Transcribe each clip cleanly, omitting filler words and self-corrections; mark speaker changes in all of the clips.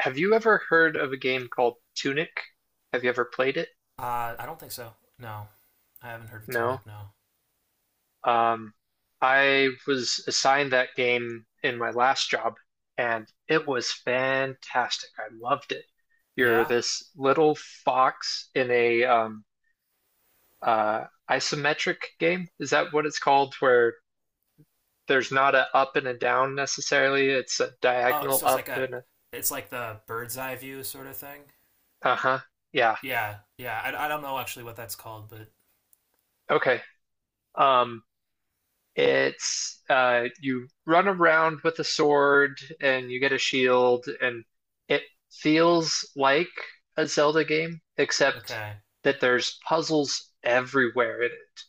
Speaker 1: Have you ever heard of a game called Tunic? Have you ever played it?
Speaker 2: I don't think so. No, I haven't heard of
Speaker 1: No.
Speaker 2: Tunic. No.
Speaker 1: Um, I was assigned that game in my last job, and it was fantastic. I loved it. You're
Speaker 2: Yeah.
Speaker 1: this little fox in a isometric game. Is that what it's called? Where there's not a up and a down necessarily. It's a
Speaker 2: Oh,
Speaker 1: diagonal
Speaker 2: so it's
Speaker 1: up
Speaker 2: like
Speaker 1: and a,
Speaker 2: it's like the bird's eye view sort of thing.
Speaker 1: uh-huh. Yeah.
Speaker 2: Yeah. Yeah. I don't know actually what that's called, but
Speaker 1: Okay. Um, It's you run around with a sword and you get a shield, and it feels like a Zelda game, except
Speaker 2: okay.
Speaker 1: that there's puzzles everywhere in it.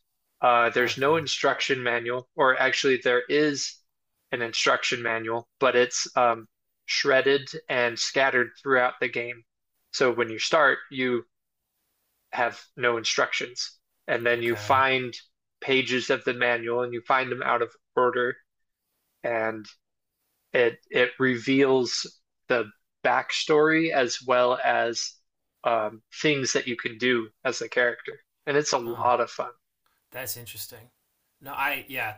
Speaker 1: There's no
Speaker 2: Okay.
Speaker 1: instruction manual, or actually, there is an instruction manual, but it's shredded and scattered throughout the game. So when you start, you have no instructions. And then you
Speaker 2: Okay.
Speaker 1: find pages of the manual and you find them out of order and it reveals the backstory as well as things that you can do as a character. And it's a
Speaker 2: Oh,
Speaker 1: lot of fun.
Speaker 2: that's interesting. No,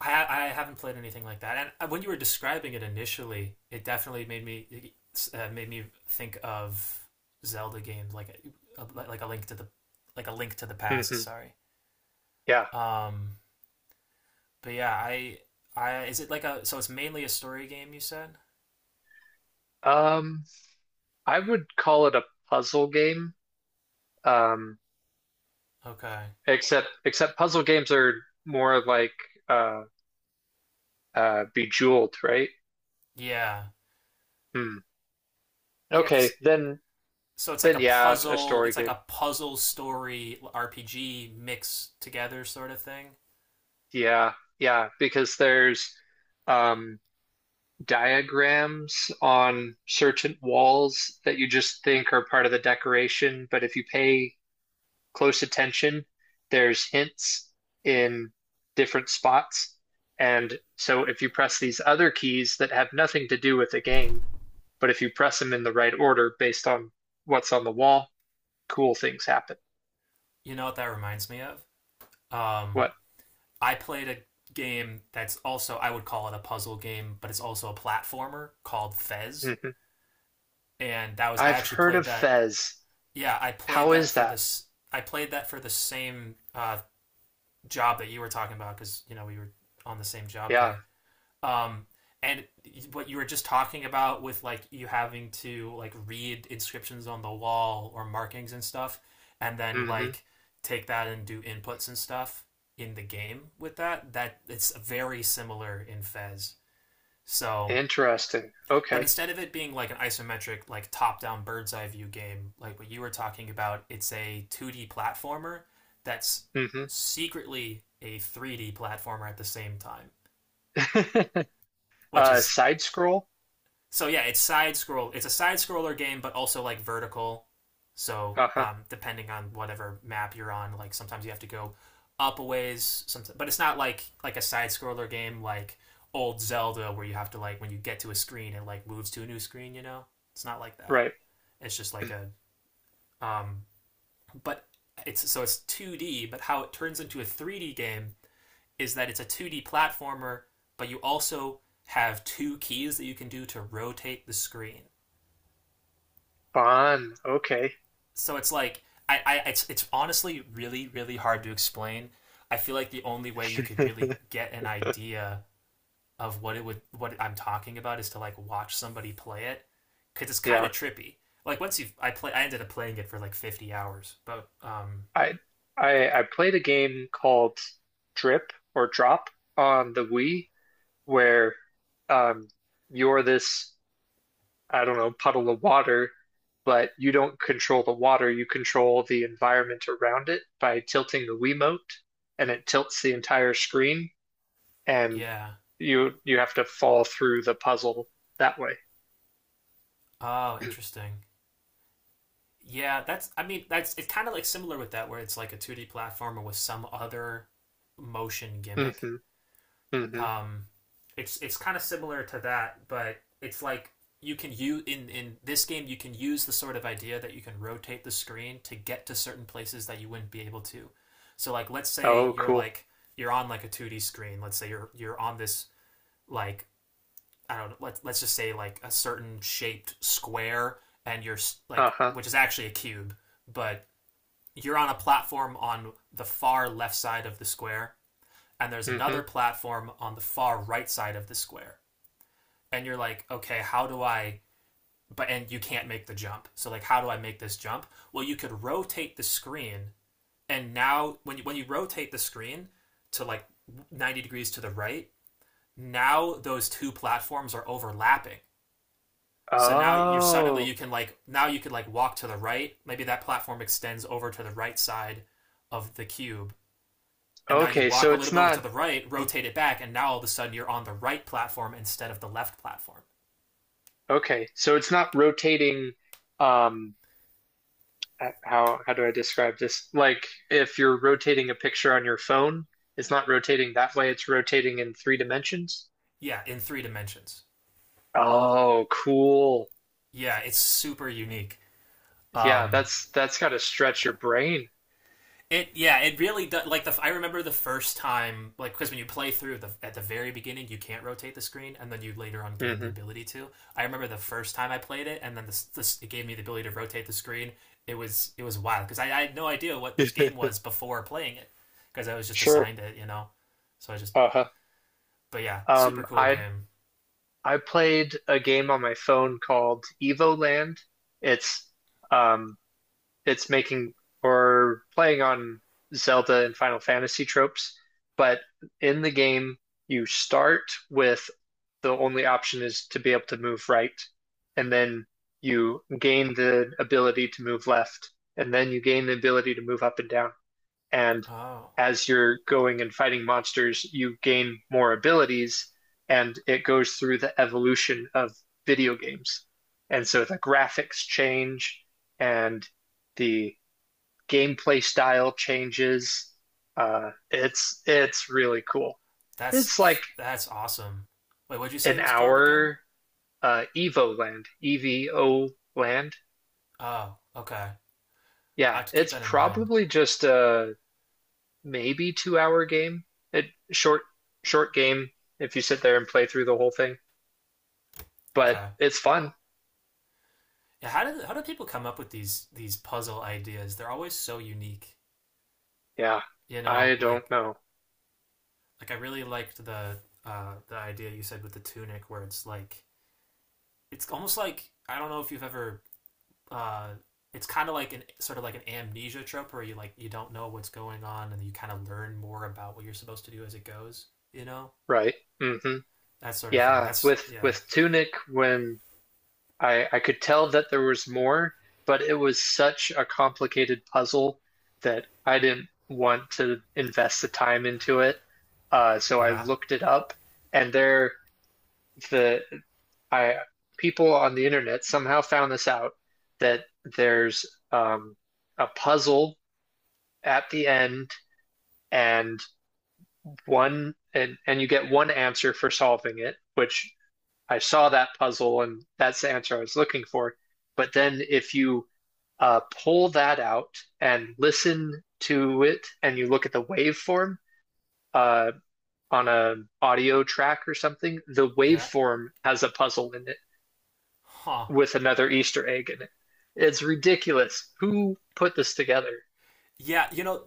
Speaker 2: I haven't played anything like that. And when you were describing it initially, it definitely made me think of Zelda games like like a link to the like a link to the past.
Speaker 1: hmm
Speaker 2: Sorry.
Speaker 1: Yeah.
Speaker 2: Um, But yeah, I is it like a so it's mainly a story game you said?
Speaker 1: Um, I would call it a puzzle game. Um,
Speaker 2: Okay.
Speaker 1: except puzzle games are more like uh, Bejeweled, right?
Speaker 2: Yeah.
Speaker 1: Hmm.
Speaker 2: Yeah,
Speaker 1: Okay,
Speaker 2: cuz
Speaker 1: then
Speaker 2: so it's like
Speaker 1: then yeah, a story
Speaker 2: it's like
Speaker 1: game.
Speaker 2: a puzzle story RPG mixed together sort of thing.
Speaker 1: Yeah, yeah, because there's um, diagrams on certain walls that you just think are part of the decoration, but if you pay close attention, there's hints in different spots. And so if you press these other keys that have nothing to do with the game, but if you press them in the right order based on what's on the wall, cool things happen.
Speaker 2: You know what that reminds me of? Um
Speaker 1: What?
Speaker 2: I played a game that's also I would call it a puzzle game, but it's also a platformer called Fez,
Speaker 1: Hmm.
Speaker 2: and that was I
Speaker 1: I've
Speaker 2: actually
Speaker 1: heard
Speaker 2: played
Speaker 1: of
Speaker 2: that.
Speaker 1: Fez.
Speaker 2: Yeah, I played
Speaker 1: How
Speaker 2: that
Speaker 1: is
Speaker 2: for
Speaker 1: that?
Speaker 2: this. I played that for the same job that you were talking about, because you know we were on the same job
Speaker 1: Yeah.
Speaker 2: there. Um, and what you were just talking about with like you having to like read inscriptions on the wall or markings and stuff, and then
Speaker 1: Hmm.
Speaker 2: like take that and do inputs and stuff in the game with that. That it's very similar in Fez. So,
Speaker 1: Interesting.
Speaker 2: but
Speaker 1: Okay.
Speaker 2: instead of it being like an isometric, like top-down bird's eye view game, like what you were talking about, it's a 2D platformer that's
Speaker 1: Hmm.
Speaker 2: secretly a 3D platformer at the same time. Which
Speaker 1: Uh,
Speaker 2: is
Speaker 1: side scroll.
Speaker 2: So yeah, it's side scroll. It's a side scroller game, but also like vertical. So
Speaker 1: Uh-huh.
Speaker 2: depending on whatever map you're on, like sometimes you have to go up a ways. Sometimes, but it's not like a side scroller game like old Zelda where you have to like when you get to a screen it like moves to a new screen. You know, it's not like that.
Speaker 1: Right.
Speaker 2: It's just like a um, but it's so it's 2D. But how it turns into a 3D game is that it's a 2D platformer, but you also have two keys that you can do to rotate the screen.
Speaker 1: Bon. Okay.
Speaker 2: So it's like I it's honestly really hard to explain. I feel like the only way you could really get an idea of what it would what I'm talking about is to like watch somebody play it, because it's kind
Speaker 1: Yeah.
Speaker 2: of trippy. Like once you I ended up playing it for like 50 hours, but
Speaker 1: I I played a game called Drip or Drop on the Wii where um you're this, I don't know, puddle of water, but you don't control the water, you control the environment around it by tilting the Wiimote, and it tilts the entire screen. And
Speaker 2: yeah.
Speaker 1: you have to fall through the puzzle that way.
Speaker 2: Oh, interesting. Yeah, that's that's it's kind of like similar with that where it's like a 2D platformer with some other motion
Speaker 1: Hmm.
Speaker 2: gimmick.
Speaker 1: Hmm.
Speaker 2: Um, it's kind of similar to that, but it's like you can use in this game you can use the sort of idea that you can rotate the screen to get to certain places that you wouldn't be able to. So like let's say
Speaker 1: Oh, cool.
Speaker 2: you're on like a 2D screen. Let's say you're on this like I don't know, let's just say like a certain shaped square and you're like,
Speaker 1: Uh-huh.
Speaker 2: which is actually a cube, but you're on a platform on the far left side of the square and there's
Speaker 1: Hmm.
Speaker 2: another platform on the far right side of the square. And you're like, okay, how do I, but and you can't make the jump. So like how do I make this jump? Well, you could rotate the screen, and now when you rotate the screen to like 90 degrees to the right, now those two platforms are overlapping. So now you're suddenly you
Speaker 1: Oh,
Speaker 2: can like now you could like walk to the right. Maybe that platform extends over to the right side of the cube, and now you
Speaker 1: okay.
Speaker 2: walk a little bit over to the right, rotate it back, and now all of a sudden you're on the right platform instead of the left platform.
Speaker 1: So it's not rotating. Um, how do I describe this? Like if you're rotating a picture on your phone, it's not rotating that way. It's rotating in three dimensions.
Speaker 2: Yeah, in three dimensions.
Speaker 1: Oh, cool.
Speaker 2: Yeah, it's super unique.
Speaker 1: Yeah,
Speaker 2: Um,
Speaker 1: that's got to stretch your brain.
Speaker 2: it yeah, it really does. Like the I remember the first time, like because when you play through the at the very beginning, you can't rotate the screen, and then you later on gain the
Speaker 1: Hmm.
Speaker 2: ability to. I remember the first time I played it, and then this it gave me the ability to rotate the screen. It was wild because I had no idea what this game was before playing it, because I was just
Speaker 1: Sure.
Speaker 2: assigned it, you know. So I just,
Speaker 1: Uh-huh.
Speaker 2: but yeah, super
Speaker 1: Um,
Speaker 2: cool
Speaker 1: I
Speaker 2: game.
Speaker 1: I played a game on my phone called Evoland. It's um it's making or playing on Zelda and Final Fantasy tropes, but in the game you start with the only option is to be able to move right, and then you gain the ability to move left, and then you gain the ability to move up and down and
Speaker 2: Oh,
Speaker 1: as you're going and fighting monsters, you gain more abilities, and it goes through the evolution of video games. And so the graphics change, and the gameplay style changes. It's really cool. It's like
Speaker 2: that's awesome. Wait, what'd you say
Speaker 1: an
Speaker 2: it was called again?
Speaker 1: hour Evo Land, Evo Land.
Speaker 2: Oh, okay. I
Speaker 1: Yeah,
Speaker 2: have to keep
Speaker 1: it's
Speaker 2: that in mind.
Speaker 1: probably just maybe 2 hour game. It short short game if you sit there and play through the whole thing, but
Speaker 2: Okay.
Speaker 1: it's fun.
Speaker 2: Yeah, how do people come up with these puzzle ideas? They're always so unique.
Speaker 1: Yeah,
Speaker 2: You know,
Speaker 1: I
Speaker 2: like
Speaker 1: don't know.
Speaker 2: I really liked the idea you said with the tunic, where it's like it's almost like I don't know if you've ever. Uh, it's kind of like an like an amnesia trope where you don't know what's going on and you kind of learn more about what you're supposed to do as it goes. You know,
Speaker 1: Right. Mm-hmm.
Speaker 2: that sort of thing.
Speaker 1: Yeah, with with Tunic when I could tell that there was more, but it was such a complicated puzzle that I didn't want to invest the time into it. So I
Speaker 2: Yeah,
Speaker 1: looked it up, and there the I people on the internet somehow found this out that there's um, a puzzle at the end and one and you get one answer for solving it, which I saw that puzzle and that's the answer I was looking for. But then if you pull that out and listen to it and you look at the waveform uh, on a audio track or something, the
Speaker 2: yeah,
Speaker 1: waveform has a puzzle in it.
Speaker 2: huh?
Speaker 1: With another Easter egg in it. It's ridiculous. Who put this together?
Speaker 2: Yeah, you know,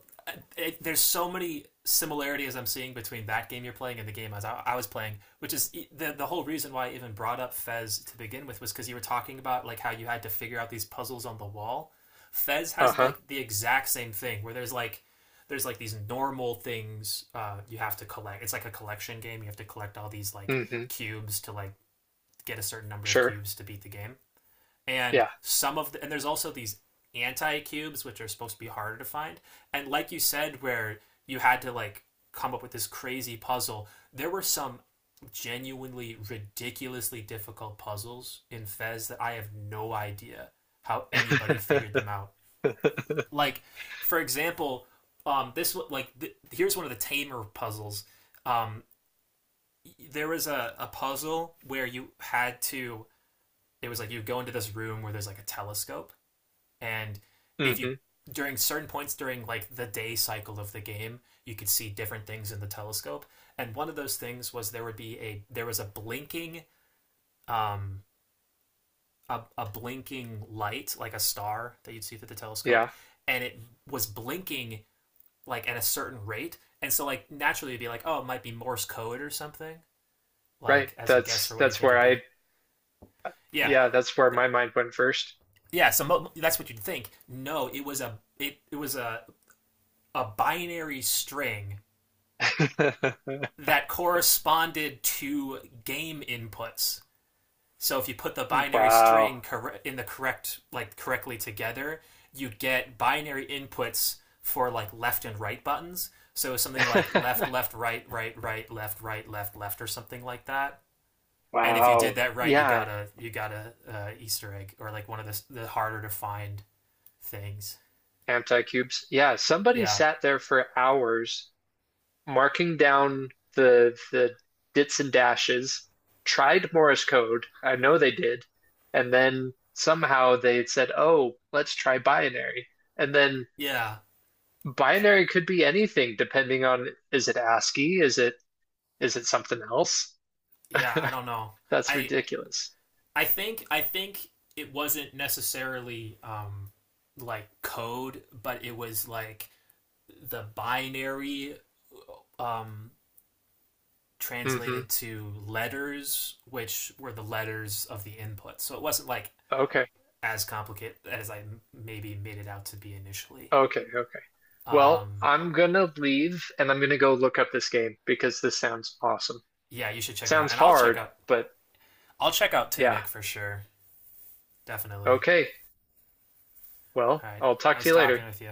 Speaker 2: there's so many similarities I'm seeing between that game you're playing and the game I was playing, which is the whole reason why I even brought up Fez to begin with was because you were talking about like how you had to figure out these puzzles on the wall. Fez has
Speaker 1: Uh-huh.
Speaker 2: like the exact same thing where there's like these normal things you have to collect. It's like a collection game. You have to collect all these like
Speaker 1: Mm-hmm.
Speaker 2: cubes to like get a certain number of
Speaker 1: Sure.
Speaker 2: cubes to beat the game. And
Speaker 1: Yeah.
Speaker 2: some of the, and there's also these anti cubes, which are supposed to be harder to find. And like you said, where you had to like come up with this crazy puzzle, there were some genuinely ridiculously difficult puzzles in Fez that I have no idea how anybody figured them out. Like, for example, this like here's one of the tamer puzzles. Um, there was a puzzle where you had to. It was like you go into this room where there's like a telescope, and if you
Speaker 1: Mm-hmm.
Speaker 2: during certain points during like the day cycle of the game you could see different things in the telescope, and one of those things was there was a blinking um a blinking light like a star that you'd see through the telescope,
Speaker 1: Yeah.
Speaker 2: and it was blinking like at a certain rate, and so like naturally you'd be like, oh, it might be morse code or something,
Speaker 1: Right.
Speaker 2: like as a guess for what you
Speaker 1: That's
Speaker 2: think
Speaker 1: where
Speaker 2: it'd be.
Speaker 1: I
Speaker 2: Yeah.
Speaker 1: yeah, that's where my mind went first.
Speaker 2: Yeah, so that's what you'd think. No, it was a it was a binary string that corresponded to game inputs. So if you put the binary
Speaker 1: Wow.
Speaker 2: string in the correct, like correctly together, you'd get binary inputs for like left and right buttons. So something like left, left, right, right, right, left, left, or something like that. And if you did
Speaker 1: Wow.
Speaker 2: that right,
Speaker 1: Yeah.
Speaker 2: you got a Easter egg or like one of the harder to find things.
Speaker 1: Anti-cubes. Yeah, somebody
Speaker 2: Yeah,
Speaker 1: sat there for hours marking down the dits and dashes, tried Morse code. I know they did, and then somehow they said, "Oh, let's try binary." And then
Speaker 2: yeah,
Speaker 1: binary could be anything depending on is it ASCII, is it something else?
Speaker 2: yeah. I don't know.
Speaker 1: That's
Speaker 2: I
Speaker 1: ridiculous.
Speaker 2: I think it wasn't necessarily like code, but it was like the binary um,
Speaker 1: Hmm.
Speaker 2: translated to letters, which were the letters of the input. So it wasn't like
Speaker 1: Okay.
Speaker 2: as complicated as I maybe made it out to be initially.
Speaker 1: Okay. Okay. Well,
Speaker 2: Um,
Speaker 1: I'm gonna leave and I'm gonna go look up this game because this sounds awesome.
Speaker 2: yeah, you should check it out,
Speaker 1: Sounds
Speaker 2: and I'll check
Speaker 1: hard,
Speaker 2: out.
Speaker 1: but
Speaker 2: I'll check out
Speaker 1: yeah.
Speaker 2: Tunic for sure, definitely.
Speaker 1: Okay. Well,
Speaker 2: All right,
Speaker 1: I'll talk
Speaker 2: nice
Speaker 1: to you later.
Speaker 2: talking with you.